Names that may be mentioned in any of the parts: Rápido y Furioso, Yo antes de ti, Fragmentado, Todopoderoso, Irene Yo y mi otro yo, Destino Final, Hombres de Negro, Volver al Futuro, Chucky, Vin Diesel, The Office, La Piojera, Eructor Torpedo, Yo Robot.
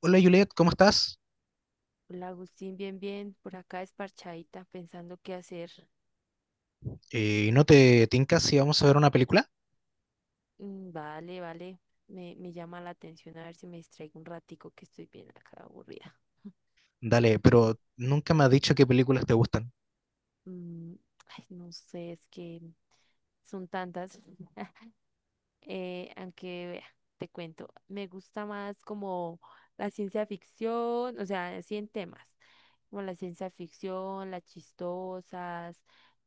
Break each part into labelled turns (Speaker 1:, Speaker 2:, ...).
Speaker 1: Hola Juliet, ¿cómo estás?
Speaker 2: Hola Agustín, bien, bien, por acá esparchadita, pensando qué hacer.
Speaker 1: ¿No te tincas si vamos a ver una película?
Speaker 2: Mm. Vale, vale, me llama la atención a ver si me distraigo un ratico que estoy bien acá aburrida.
Speaker 1: Dale, pero nunca me has dicho qué películas te gustan.
Speaker 2: Mm, Ay, no sé, es que son tantas. Aunque vea, te cuento, me gusta más como la ciencia ficción, o sea, así en temas, como la ciencia ficción, las chistosas,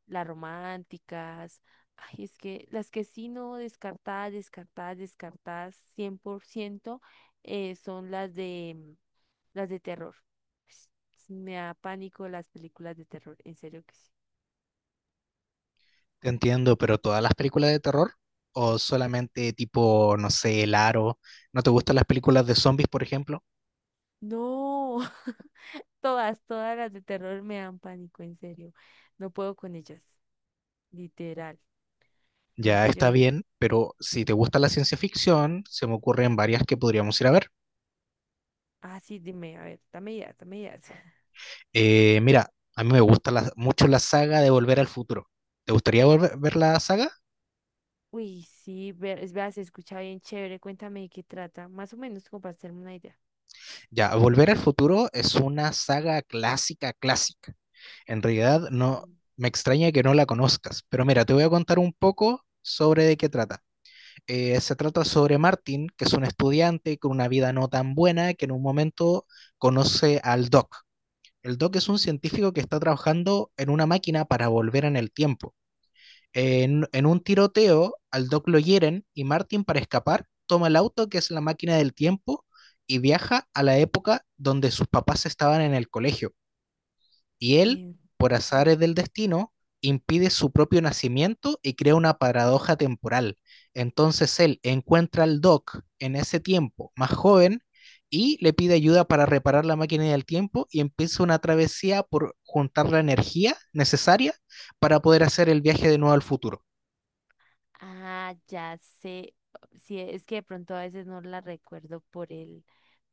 Speaker 2: las románticas. Ay, es que las que sí no, descartadas, descartadas, descartadas 100% son las de las de terror. Me da pánico las películas de terror, en serio que sí.
Speaker 1: Te entiendo, pero ¿todas las películas de terror? ¿O solamente tipo, no sé, El Aro? ¿No te gustan las películas de zombies, por ejemplo?
Speaker 2: No. Todas, todas las de terror me dan pánico, en serio. No puedo con ellas, literal.
Speaker 1: Ya
Speaker 2: Porque yo,
Speaker 1: está bien, pero si te gusta la ciencia ficción, se me ocurren varias que podríamos ir a ver.
Speaker 2: ah, sí, dime, a ver, dame ideas, dame ideas.
Speaker 1: Mira, a mí me gusta mucho la saga de Volver al Futuro. ¿Te gustaría ver la saga?
Speaker 2: Uy, sí, ver, es verdad, se escucha bien chévere. Cuéntame de qué trata, más o menos como para hacerme una idea.
Speaker 1: Ya, Volver al Futuro es una saga clásica, clásica. En realidad no
Speaker 2: Mm.
Speaker 1: me extraña que no la conozcas, pero mira, te voy a contar un poco sobre de qué trata. Se trata sobre Martin, que es un estudiante con una vida no tan buena, que en un momento conoce al Doc. El Doc es un
Speaker 2: Mm.
Speaker 1: científico que está trabajando en una máquina para volver en el tiempo. En un tiroteo, al Doc lo hieren y Martin, para escapar, toma el auto, que es la máquina del tiempo, y viaja a la época donde sus papás estaban en el colegio y él,
Speaker 2: Eh,
Speaker 1: por
Speaker 2: No.
Speaker 1: azares del destino, impide su propio nacimiento y crea una paradoja temporal. Entonces él encuentra al Doc en ese tiempo más joven y le pide ayuda para reparar la máquina del tiempo y empieza una travesía por juntar la energía necesaria para poder hacer el viaje de nuevo al futuro.
Speaker 2: Ah, ya sé. Sí, es que de pronto a veces no la recuerdo por el,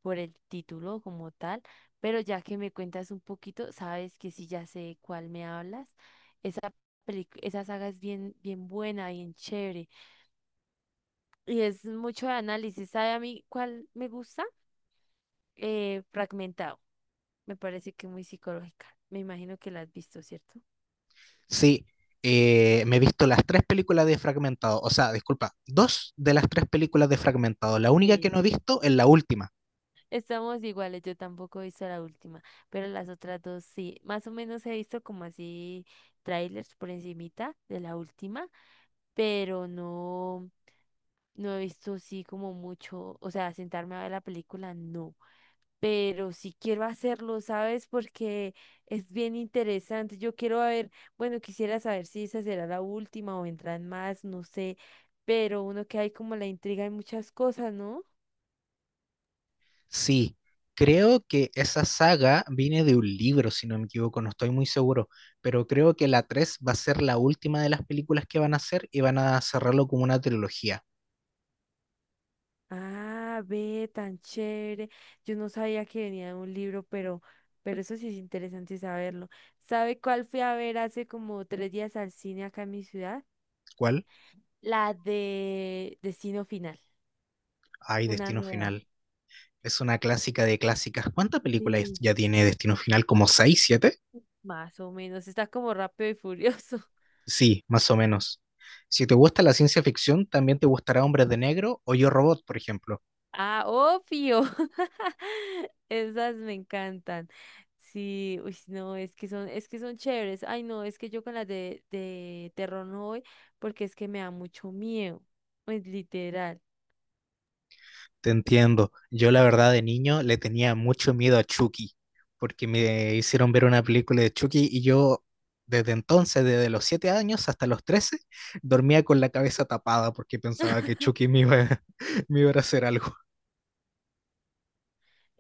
Speaker 2: por el título como tal, pero ya que me cuentas un poquito, sabes que sí, ya sé de cuál me hablas. Esa esa saga es bien, bien buena, bien chévere. Y es mucho de análisis. ¿Sabe a mí cuál me gusta? Fragmentado. Me parece que muy psicológica. Me imagino que la has visto, ¿cierto?
Speaker 1: Sí, me he visto las tres películas de Fragmentado, o sea, disculpa, dos de las tres películas de Fragmentado. La única que no he
Speaker 2: Sí.
Speaker 1: visto es la última.
Speaker 2: Estamos iguales, yo tampoco he visto la última, pero las otras dos sí. Más o menos he visto como así trailers por encimita de la última, pero no, no he visto así como mucho, o sea, sentarme a ver la película, no. Pero sí quiero hacerlo, ¿sabes? Porque es bien interesante. Yo quiero ver, bueno, quisiera saber si esa será la última o vendrán más, no sé, pero uno que hay como la intriga en muchas cosas, ¿no?
Speaker 1: Sí, creo que esa saga viene de un libro, si no me equivoco, no estoy muy seguro, pero creo que la 3 va a ser la última de las películas que van a hacer y van a cerrarlo como una trilogía.
Speaker 2: Ah, ve, tan chévere. Yo no sabía que venía de un libro, pero eso sí es interesante saberlo. ¿Sabe cuál fui a ver hace como 3 días al cine acá en mi ciudad?
Speaker 1: ¿Cuál?
Speaker 2: La de Destino Final,
Speaker 1: Ay,
Speaker 2: una
Speaker 1: Destino
Speaker 2: nueva.
Speaker 1: Final. Es una clásica de clásicas. ¿Cuántas películas
Speaker 2: Sí.
Speaker 1: ya tiene Destino Final? ¿Como 6, 7?
Speaker 2: Más o menos, está como Rápido y Furioso.
Speaker 1: Sí, más o menos. Si te gusta la ciencia ficción, también te gustará Hombres de Negro o Yo Robot, por ejemplo.
Speaker 2: Ah, obvio. Esas me encantan. Sí, uy, no, es que son chéveres. Ay, no, es que yo con las de terror no voy porque es que me da mucho miedo. Pues literal.
Speaker 1: Te entiendo. Yo la verdad de niño le tenía mucho miedo a Chucky, porque me hicieron ver una película de Chucky y yo desde entonces, desde los 7 años hasta los 13, dormía con la cabeza tapada porque pensaba que Chucky me iba, me iba a hacer algo.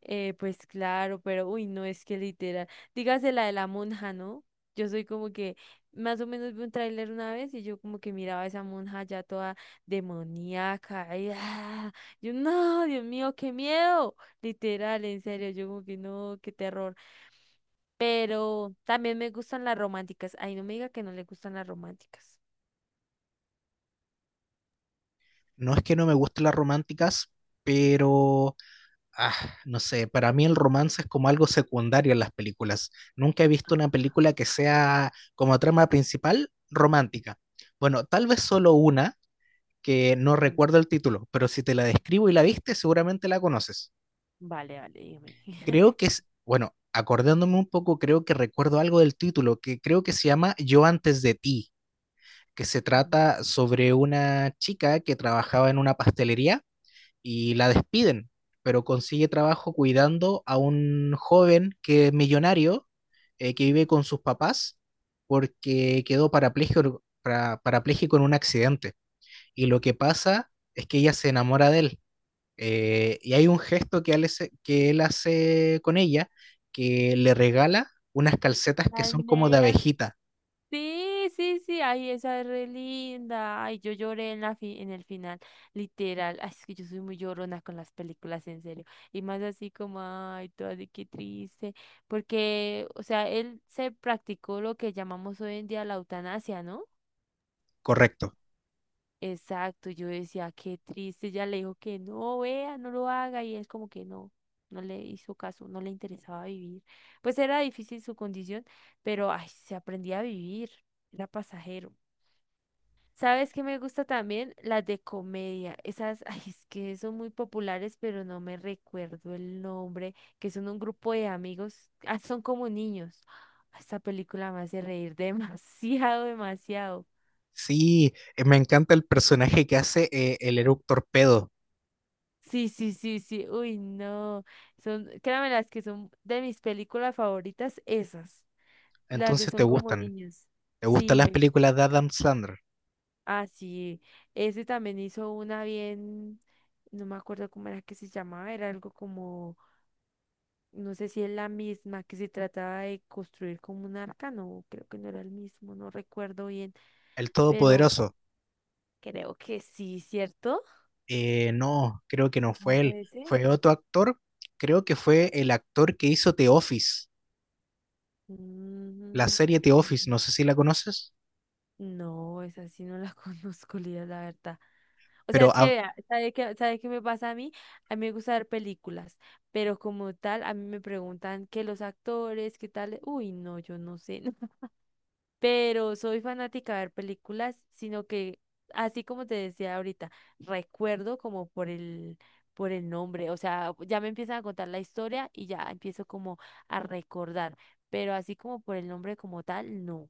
Speaker 2: Pues claro, pero uy, no, es que literal. Dígase la de la monja, ¿no? Yo soy como que más o menos vi un tráiler una vez y yo como que miraba a esa monja ya toda demoníaca. Y, ah, yo, no, Dios mío, qué miedo. Literal, en serio, yo como que no, qué terror. Pero también me gustan las románticas. Ay, no me diga que no le gustan las románticas.
Speaker 1: No es que no me gusten las románticas, pero ah, no sé, para mí el romance es como algo secundario en las películas. Nunca he visto una
Speaker 2: Ah,
Speaker 1: película que sea como trama principal romántica. Bueno, tal vez solo una que no
Speaker 2: mm,
Speaker 1: recuerdo el título, pero si te la describo y la viste, seguramente la conoces.
Speaker 2: vale, vale, dígame.
Speaker 1: Creo que es, bueno, acordándome un poco, creo que recuerdo algo del título, que creo que se llama Yo antes de ti, que se
Speaker 2: Mm.
Speaker 1: trata sobre una chica que trabajaba en una pastelería y la despiden, pero consigue trabajo cuidando a un joven que es millonario, que vive con sus papás, porque quedó parapléjico, parapléjico en un accidente. Y lo que pasa es que ella se enamora de él. Y hay un gesto que él hace con ella, que le regala unas calcetas que
Speaker 2: Las
Speaker 1: son como de
Speaker 2: medias.
Speaker 1: abejita,
Speaker 2: Sí, sí, sí, ay, esa es re linda. Ay, yo lloré en la en el final, literal. Ay, es que yo soy muy llorona con las películas, en serio. Y más así como, ay, toda de qué triste. Porque, o sea, él se practicó lo que llamamos hoy en día la eutanasia, ¿no?
Speaker 1: correcto.
Speaker 2: Exacto, yo decía, qué triste. Ya le dijo que no, vea, no lo haga. Y él como que no, no le hizo caso, no le interesaba vivir. Pues era difícil su condición, pero, ay, se aprendía a vivir, era pasajero. ¿Sabes qué me gusta también? Las de comedia. Esas, ay, es que son muy populares, pero no me recuerdo el nombre, que son un grupo de amigos, ah, son como niños. Ah, esta película me hace reír demasiado, demasiado.
Speaker 1: Sí, me encanta el personaje que hace el Eructor Torpedo.
Speaker 2: Sí, sí, sí, sí. Uy, no. Son, créanme, las que son de mis películas favoritas, esas. Las de
Speaker 1: Entonces te
Speaker 2: son como
Speaker 1: gustan.
Speaker 2: niños.
Speaker 1: ¿Te gustan
Speaker 2: Sí,
Speaker 1: las películas de Adam Sandler?
Speaker 2: ah, sí. Ese también hizo una bien, no me acuerdo cómo era que se llamaba, era algo como. No sé si es la misma que se trataba de construir como un arca, no, creo que no era el mismo, no recuerdo bien,
Speaker 1: El
Speaker 2: pero
Speaker 1: Todopoderoso.
Speaker 2: creo que sí, ¿cierto?
Speaker 1: No, creo que no
Speaker 2: No
Speaker 1: fue él.
Speaker 2: puede ser.
Speaker 1: Fue otro actor. Creo que fue el actor que hizo The Office, la
Speaker 2: Mm.
Speaker 1: serie The
Speaker 2: Ve-
Speaker 1: Office. No sé si la conoces,
Speaker 2: no, esa sí no la conozco, Lía, la verdad. O sea,
Speaker 1: pero
Speaker 2: es que, vea, ¿sabe qué me pasa a mí. A mí me gusta ver películas, pero como tal, a mí me preguntan que los actores, qué tal. Uy, no, yo no sé. Pero soy fanática de ver películas, sino que, así como te decía ahorita, recuerdo como por el, nombre, o sea, ya me empiezan a contar la historia y ya empiezo como a recordar, pero así como por el nombre como tal, no,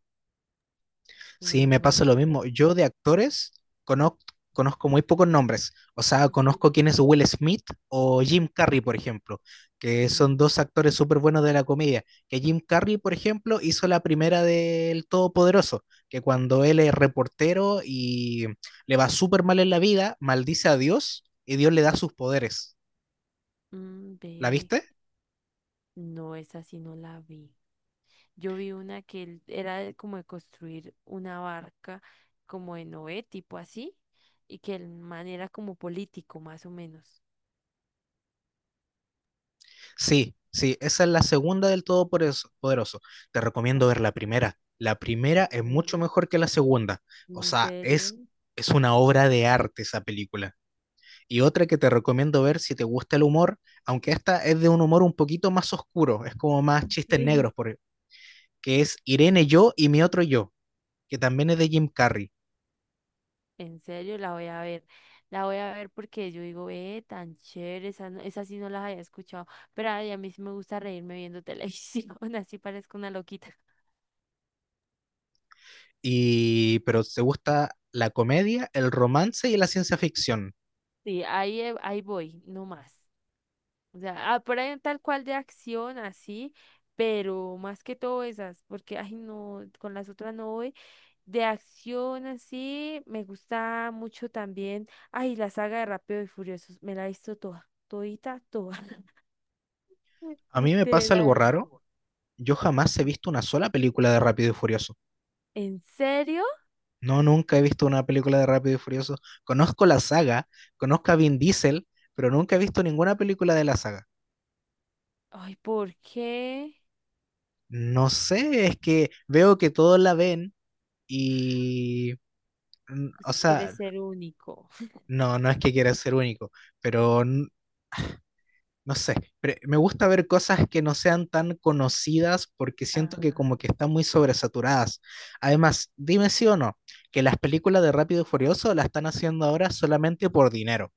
Speaker 1: sí,
Speaker 2: no,
Speaker 1: me
Speaker 2: no.
Speaker 1: pasa lo mismo. Yo de actores conozco, conozco muy pocos nombres. O sea,
Speaker 2: Sí.
Speaker 1: conozco quién es Will Smith o Jim Carrey, por ejemplo, que son
Speaker 2: Mm,
Speaker 1: dos actores súper buenos de la comedia. Que Jim Carrey, por ejemplo, hizo la primera del Todopoderoso, que cuando él es reportero y le va súper mal en la vida, maldice a Dios y Dios le da sus poderes.
Speaker 2: mm,
Speaker 1: ¿La
Speaker 2: ve,
Speaker 1: viste?
Speaker 2: no, esa sí no la vi. Yo vi una que era de como de construir una barca como de Noé, tipo así, y que el man era como político, más o menos.
Speaker 1: Sí, sí, esa es la segunda del Todopoderoso. Poderoso. Te
Speaker 2: Ah,
Speaker 1: recomiendo ver la primera. La primera es mucho
Speaker 2: sí,
Speaker 1: mejor que la segunda. O
Speaker 2: ¿en
Speaker 1: sea,
Speaker 2: serio?
Speaker 1: es una obra de arte esa película. Y otra que te recomiendo ver si te gusta el humor, aunque esta es de un humor un poquito más oscuro, es como más chistes
Speaker 2: Sí.
Speaker 1: negros, que es Irene Yo y mi otro yo, que también es de Jim Carrey.
Speaker 2: En serio, la voy a ver. La voy a ver porque yo digo, tan chévere, esa, esa sí no las había escuchado. Pero ay, a mí sí me gusta reírme viendo televisión, así parezco una loquita.
Speaker 1: Y, pero te gusta la comedia, el romance y la ciencia ficción.
Speaker 2: Sí, ahí, ahí voy, no más. O sea, ah, por ahí tal cual de acción, así, pero más que todo esas, porque, ay, no, con las otras no voy. De acción, así, me gusta mucho también, ay, la saga de Rápido y Furiosos, me la he visto toda, todita, toda,
Speaker 1: A mí me pasa algo
Speaker 2: literal.
Speaker 1: raro, yo jamás he visto una sola película de Rápido y Furioso.
Speaker 2: ¿En serio?
Speaker 1: No, nunca he visto una película de Rápido y Furioso. Conozco la saga, conozco a Vin Diesel, pero nunca he visto ninguna película de la saga.
Speaker 2: Ay, ¿por qué?
Speaker 1: No sé, es que veo que todos la ven y, mm,
Speaker 2: Pues,
Speaker 1: o
Speaker 2: si
Speaker 1: sea,
Speaker 2: quieres ser único.
Speaker 1: no, no es que quiera ser único, pero no sé, me gusta ver cosas que no sean tan conocidas porque siento que
Speaker 2: Ah.
Speaker 1: como que están muy sobresaturadas. Además, dime sí o no, que las películas de Rápido y Furioso las están haciendo ahora solamente por dinero.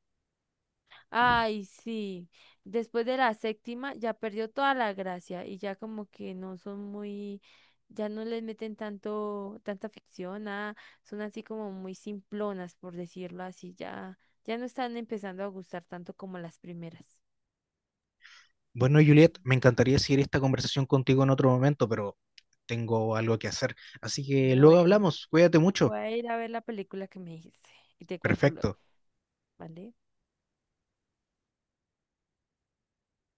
Speaker 2: Ay, sí. Después de la séptima ya perdió toda la gracia y ya como que no son muy, ya no les meten tanto, tanta ficción, nada, son así como muy simplonas, por decirlo así, ya, ya no están empezando a gustar tanto como las primeras.
Speaker 1: Bueno, Juliet, me encantaría seguir esta conversación contigo en otro momento, pero tengo algo que hacer. Así que luego
Speaker 2: Bueno,
Speaker 1: hablamos. Cuídate mucho.
Speaker 2: voy a ir a ver la película que me dijiste y te cuento luego,
Speaker 1: Perfecto.
Speaker 2: ¿vale?